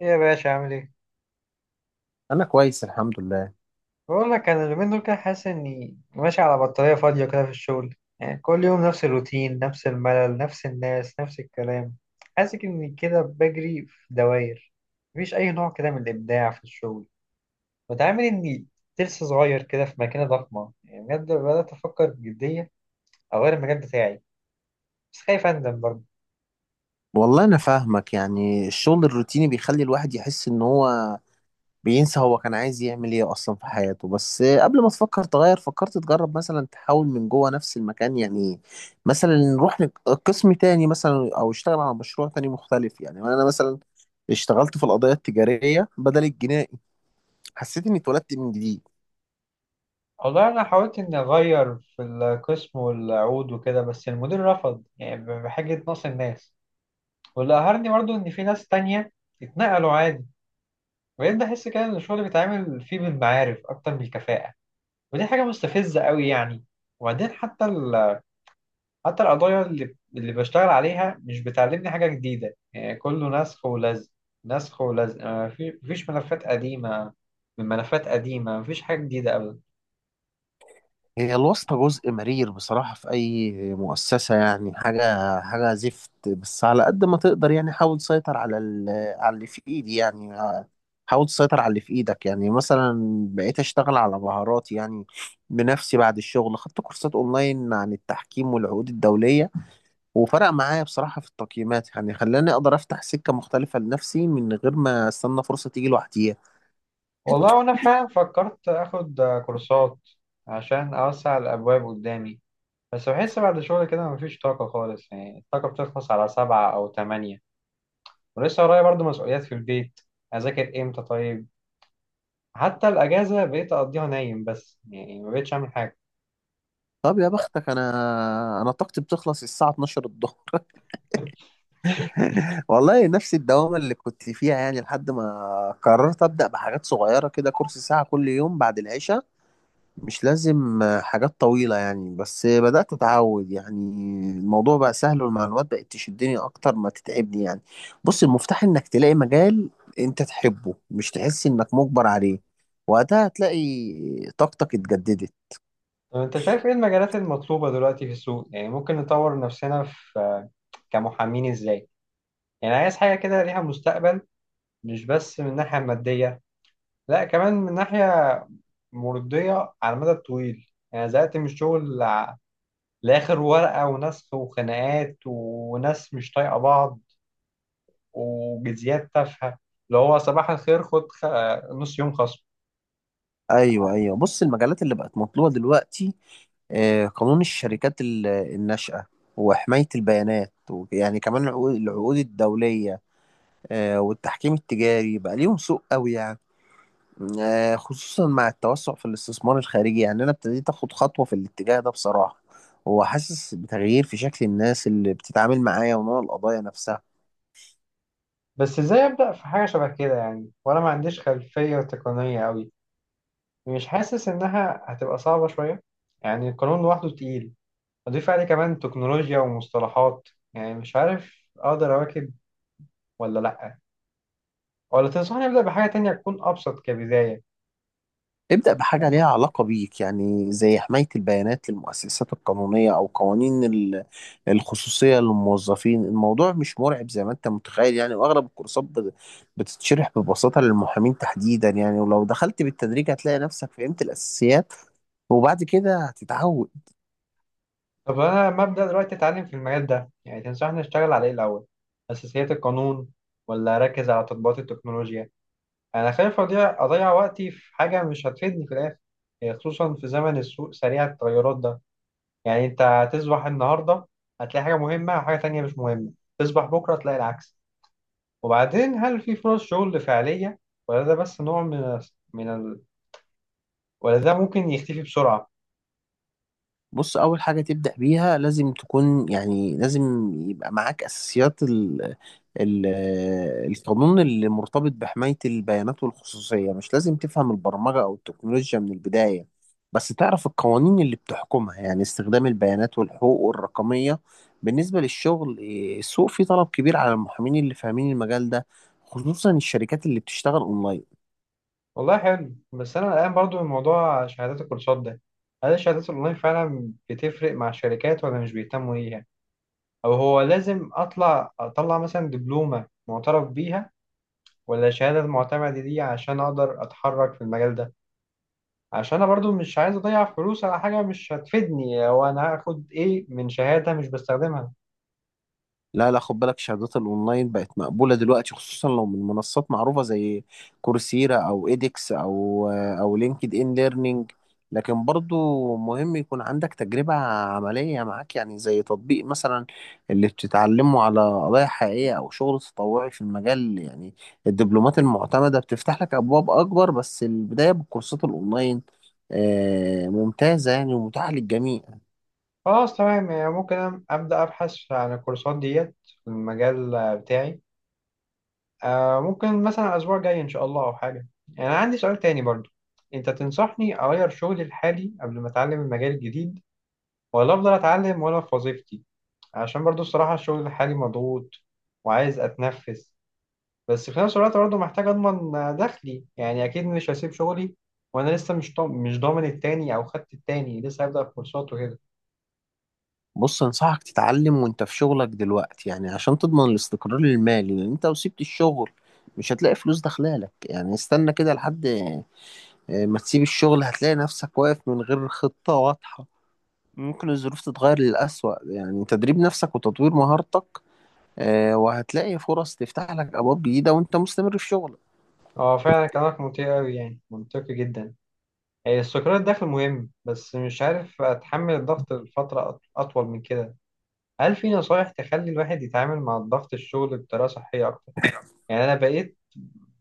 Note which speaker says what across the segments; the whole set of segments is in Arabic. Speaker 1: إيه يا باشا عامل ايه؟
Speaker 2: انا كويس الحمد لله.
Speaker 1: بقول لك انا اليومين دول كده حاسس اني ماشي على بطارية فاضية كده في الشغل، يعني كل يوم نفس الروتين، نفس الملل، نفس الناس، نفس الكلام. حاسس اني كده بجري في دواير. مفيش اي نوع كده من الابداع في الشغل. متعامل اني ترس صغير كده في ماكينة ضخمة، يعني بجد بدأت افكر بجدية اغير المجال بتاعي، بس خايف اندم برضه.
Speaker 2: والله انا فاهمك، يعني الشغل الروتيني بيخلي الواحد يحس ان هو بينسى هو كان عايز يعمل ايه اصلا في حياته. بس قبل ما تفكر تغير، فكرت تجرب مثلا تحاول من جوه نفس المكان يعني. مثلا نروح قسم تاني مثلا او اشتغل على مشروع تاني مختلف يعني. انا مثلا اشتغلت في القضايا التجارية بدل الجنائي، حسيت اني اتولدت من جديد.
Speaker 1: والله انا حاولت اني اغير في القسم والعود وكده بس المدير رفض، يعني بحاجة نقص الناس. واللي قهرني برضو إن في ناس تانية اتنقلوا عادي. بقيت بحس كده إن الشغل بيتعامل فيه بالمعارف أكتر من الكفاءة، ودي حاجة مستفزة قوي يعني. وبعدين حتى القضايا اللي بشتغل عليها مش بتعلمني حاجة جديدة، يعني كله نسخ ولزق. نسخ ولزق آه، في- مفيش ملفات قديمة من ملفات قديمة مفيش حاجة جديدة أبدا.
Speaker 2: هي الواسطة جزء مرير بصراحة في أي مؤسسة، يعني حاجة زفت. بس على قد ما تقدر يعني حاول تسيطر على على اللي في إيدي يعني، حاول تسيطر على اللي في إيدك يعني. مثلا بقيت أشتغل على مهاراتي يعني بنفسي بعد الشغل، خدت كورسات أونلاين عن التحكيم والعقود الدولية، وفرق معايا بصراحة في التقييمات يعني. خلاني أقدر أفتح سكة مختلفة لنفسي من غير ما أستنى فرصة تيجي لوحديها.
Speaker 1: والله وأنا فعلا فكرت آخد كورسات عشان أوسع الأبواب قدامي. بس بحس بعد شغل كده مفيش طاقة خالص، يعني الطاقة بتخلص على 7 أو 8، ولسه ورايا برضه مسؤوليات في البيت، أذاكر إمتى طيب؟ حتى الأجازة بقيت أقضيها نايم، بس يعني ما بقتش أعمل حاجة.
Speaker 2: طب يا بختك، أنا طاقتي بتخلص الساعة 12 الظهر. والله نفس الدوامة اللي كنت فيها يعني، لحد ما قررت أبدأ بحاجات صغيرة كده، كورس ساعة كل يوم بعد العشاء. مش لازم حاجات طويلة يعني، بس بدأت أتعود يعني. الموضوع بقى سهل والمعلومات بقت تشدني أكتر ما تتعبني يعني. بص، المفتاح إنك تلاقي مجال أنت تحبه، مش تحس إنك مجبر عليه. وقتها هتلاقي طاقتك اتجددت.
Speaker 1: طب أنت شايف إيه المجالات المطلوبة دلوقتي في السوق، يعني ممكن نطور نفسنا في كمحامين إزاي؟ يعني عايز حاجة كده ليها مستقبل، مش بس من الناحية المادية، لا كمان من ناحية مرضية على المدى الطويل. يعني زهقت من الشغل، لآخر ورقة ونسخ وخناقات وناس مش طايقة بعض وجزيات تافهة، اللي هو صباح الخير نص يوم خصم.
Speaker 2: ايوه ايوه، بص المجالات اللي بقت مطلوبه دلوقتي، قانون الشركات الناشئه، وحمايه البيانات، ويعني كمان العقود الدوليه، والتحكيم التجاري بقى ليهم سوق قوي يعني. خصوصا مع التوسع في الاستثمار الخارجي. يعني انا ابتديت اخد خطوه في الاتجاه ده بصراحه، وحاسس بتغيير في شكل الناس اللي بتتعامل معايا ونوع القضايا نفسها.
Speaker 1: بس ازاي أبدأ في حاجة شبه كده، يعني وأنا ما عنديش خلفية تقنية أوي، مش حاسس إنها هتبقى صعبة شوية؟ يعني القانون لوحده تقيل، أضيف عليه كمان تكنولوجيا ومصطلحات، يعني مش عارف أقدر أواكب ولا لأ، ولا تنصحني أبدأ بحاجة تانية تكون أبسط كبداية؟
Speaker 2: ابدأ بحاجة ليها علاقة بيك، يعني زي حماية البيانات للمؤسسات القانونية أو قوانين الخصوصية للموظفين. الموضوع مش مرعب زي ما أنت متخيل يعني، وأغلب الكورسات بتتشرح ببساطة للمحامين تحديدا يعني، ولو دخلت بالتدريج هتلاقي نفسك فهمت الأساسيات وبعد كده هتتعود.
Speaker 1: طب انا مبدأ دلوقتي اتعلم في المجال ده، يعني تنصحني اشتغل على ايه الاول؟ اساسيات القانون ولا اركز على تطبيقات التكنولوجيا؟ انا خايف اضيع وقتي في حاجة مش هتفيدني في الاخر، يعني خصوصا في زمن السوق سريع التغيرات ده. يعني انت هتصبح النهاردة هتلاقي حاجة مهمة وحاجة تانية مش مهمة، تصبح بكرة تلاقي العكس. وبعدين هل في فرص شغل فعلية، ولا ده بس نوع من ال... ولا ده ممكن يختفي بسرعة؟
Speaker 2: بص، أول حاجة تبدأ بيها لازم تكون، يعني لازم يبقى معاك أساسيات ال- القانون اللي مرتبط بحماية البيانات والخصوصية. مش لازم تفهم البرمجة أو التكنولوجيا من البداية، بس تعرف القوانين اللي بتحكمها يعني استخدام البيانات والحقوق الرقمية. بالنسبة للشغل السوق فيه طلب كبير على المحامين اللي فاهمين المجال ده، خصوصا الشركات اللي بتشتغل أونلاين.
Speaker 1: والله حلو، بس انا قلقان برضو من موضوع شهادات الكورسات ده. هل الشهادات الاونلاين فعلا بتفرق مع الشركات ولا مش بيهتموا ليها؟ او هو لازم اطلع مثلا دبلومة معترف بيها ولا شهادة معتمدة دي عشان اقدر اتحرك في المجال ده؟ عشان انا برضو مش عايز اضيع فلوس على حاجة مش هتفيدني، او انا هاخد ايه من شهادة مش بستخدمها.
Speaker 2: لا لا، خد بالك، شهادات الاونلاين بقت مقبوله دلوقتي، خصوصا لو من منصات معروفه زي كورسيرا او ايدكس او لينكد ان ليرنينج. لكن برضو مهم يكون عندك تجربه عمليه معاك، يعني زي تطبيق مثلا اللي بتتعلمه على قضايا حقيقيه، او شغل تطوعي في المجال يعني. الدبلومات المعتمده بتفتح لك ابواب اكبر، بس البدايه بالكورسات الاونلاين ممتازه يعني، ومتاحه للجميع.
Speaker 1: خلاص تمام، يعني ممكن أنا ابدا ابحث عن الكورسات ديت في المجال بتاعي. ممكن مثلا الأسبوع الجاي إن شاء الله أو حاجة. يعني أنا عندي سؤال تاني برضو، أنت تنصحني أغير شغلي الحالي قبل ما أتعلم المجال الجديد، ولا أفضل أتعلم وأنا في وظيفتي؟ عشان برضو الصراحة الشغل الحالي مضغوط وعايز أتنفس، بس في نفس الوقت برضو محتاج أضمن دخلي، يعني أكيد مش هسيب شغلي وأنا لسه مش ضامن التاني أو خدت التاني لسه هبدأ في كورسات وكده.
Speaker 2: بص، انصحك تتعلم وانت في شغلك دلوقتي، يعني عشان تضمن الاستقرار المالي. لان انت لو سبت الشغل مش هتلاقي فلوس داخلالك يعني. استنى كده لحد، ما تسيب الشغل هتلاقي نفسك واقف من غير خطة واضحة، ممكن الظروف تتغير للأسوأ يعني. تدريب نفسك وتطوير مهارتك، وهتلاقي فرص تفتح لك أبواب جديدة وانت مستمر في شغلك.
Speaker 1: أه، فعلا كلامك منطقي أوي، يعني منطقي جدا. استقرار الدخل مهم، بس مش عارف أتحمل الضغط لفترة أطول من كده. هل في نصايح تخلي الواحد يتعامل مع الضغط الشغل بطريقة صحية أكتر؟ يعني أنا بقيت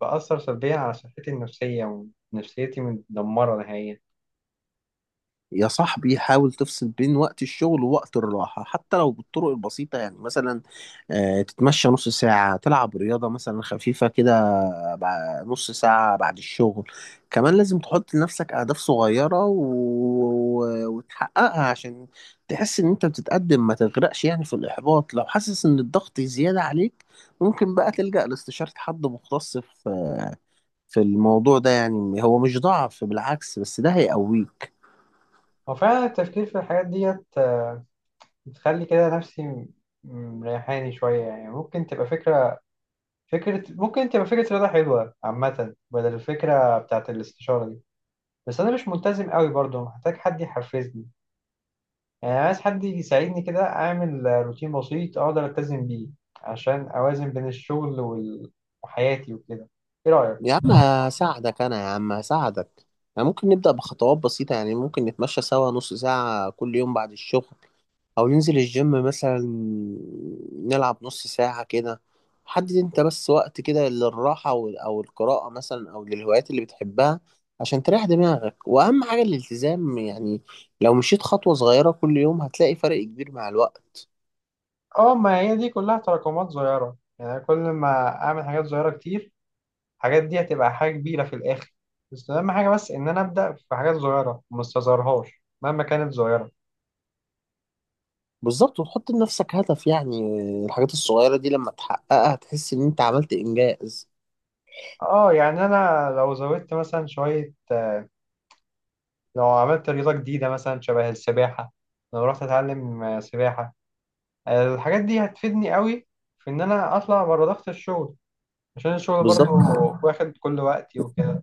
Speaker 1: بأثر سلبيا على صحتي النفسية، ونفسيتي متدمرة نهائيا.
Speaker 2: يا صاحبي، حاول تفصل بين وقت الشغل ووقت الراحة، حتى لو بالطرق البسيطة يعني. مثلا تتمشى نص ساعة، تلعب رياضة مثلا خفيفة كده نص ساعة بعد الشغل. كمان لازم تحط لنفسك أهداف صغيرة وتحققها، عشان تحس إن أنت بتتقدم، ما تغرقش يعني في الإحباط. لو حاسس إن الضغط زيادة عليك، ممكن بقى تلجأ لاستشارة حد مختص في الموضوع ده يعني. هو مش ضعف، بالعكس، بس ده هيقويك.
Speaker 1: هو فعلا التفكير في الحاجات ديت بتخلي كده نفسي مريحاني شوية. يعني ممكن تبقى فكرة رياضة حلوة عامة، بدل الفكرة بتاعت الاستشارة دي. بس أنا مش ملتزم قوي برضه، محتاج حد يحفزني، يعني عايز حد يساعدني كده أعمل روتين بسيط أقدر ألتزم بيه، عشان أوازن بين الشغل وحياتي وكده. إيه رأيك؟
Speaker 2: يا عم هساعدك، أنا يا عم هساعدك. يعني ممكن نبدأ بخطوات بسيطة، يعني ممكن نتمشى سوا نص ساعة كل يوم بعد الشغل، او ننزل الجيم مثلا نلعب نص ساعة كده. حدد انت بس وقت كده للراحة أو القراءة مثلا، او للهوايات اللي بتحبها، عشان تريح دماغك. واهم حاجة الالتزام يعني. لو مشيت خطوة صغيرة كل يوم، هتلاقي فرق كبير مع الوقت.
Speaker 1: اه، ما هي دي كلها تراكمات صغيرة، يعني كل ما أعمل حاجات صغيرة كتير الحاجات دي هتبقى حاجة كبيرة في الآخر. بس أهم حاجة بس إن أنا أبدأ في حاجات صغيرة وما استظهرهاش مهما كانت صغيرة.
Speaker 2: بالظبط، وتحط لنفسك هدف يعني. الحاجات الصغيرة دي لما تحققها هتحس ان انت عملت انجاز.
Speaker 1: اه، يعني أنا لو زودت مثلا شوية، لو عملت رياضة جديدة مثلا شبه السباحة، لو رحت أتعلم سباحة، الحاجات دي هتفيدني قوي في ان انا اطلع بره ضغط الشغل، عشان الشغل برضو
Speaker 2: بالظبط.
Speaker 1: واخد كل وقتي وكده.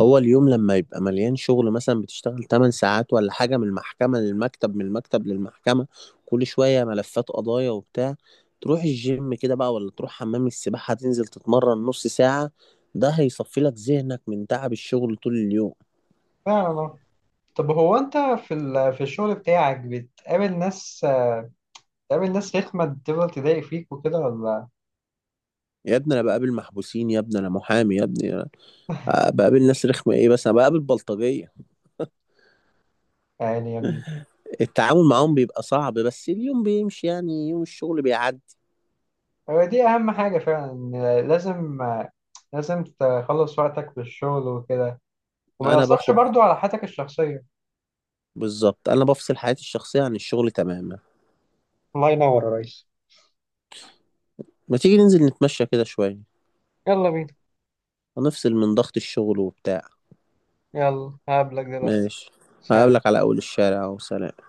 Speaker 2: هو اليوم لما يبقى مليان شغل، مثلا بتشتغل 8 ساعات ولا حاجة، من المحكمة للمكتب، من المكتب للمحكمة، كل شوية ملفات قضايا وبتاع. تروح الجيم كده بقى، ولا تروح حمام السباحة تنزل تتمرن نص ساعة، ده هيصفي لك ذهنك من تعب الشغل طول اليوم.
Speaker 1: فعلا، آه. طب هو انت في الشغل بتاعك بتقابل ناس رخمة بتفضل تضايق فيك وكده ولا؟
Speaker 2: يا ابني انا بقابل محبوسين، يا ابني انا محامي، يا ابني أنا بقابل ناس رخمة ايه، بس انا بقابل بلطجية.
Speaker 1: يعني يا ابني.
Speaker 2: التعامل معاهم بيبقى صعب، بس اليوم بيمشي يعني، يوم الشغل بيعدي.
Speaker 1: هو دي اهم حاجة فعلا، إن لازم لازم تخلص وقتك في الشغل وكده، وما
Speaker 2: انا
Speaker 1: يأثرش
Speaker 2: باخد،
Speaker 1: برضو على حياتك الشخصية.
Speaker 2: بالظبط، انا بفصل حياتي الشخصية عن الشغل تماما.
Speaker 1: الله ينور يا ريس.
Speaker 2: ما تيجي ننزل نتمشى كده شوية،
Speaker 1: يلا بينا.
Speaker 2: ونفصل من ضغط الشغل وبتاع.
Speaker 1: يلا هقابلك دلوقتي.
Speaker 2: ماشي.
Speaker 1: سلام.
Speaker 2: هقابلك على أول الشارع، وسلام.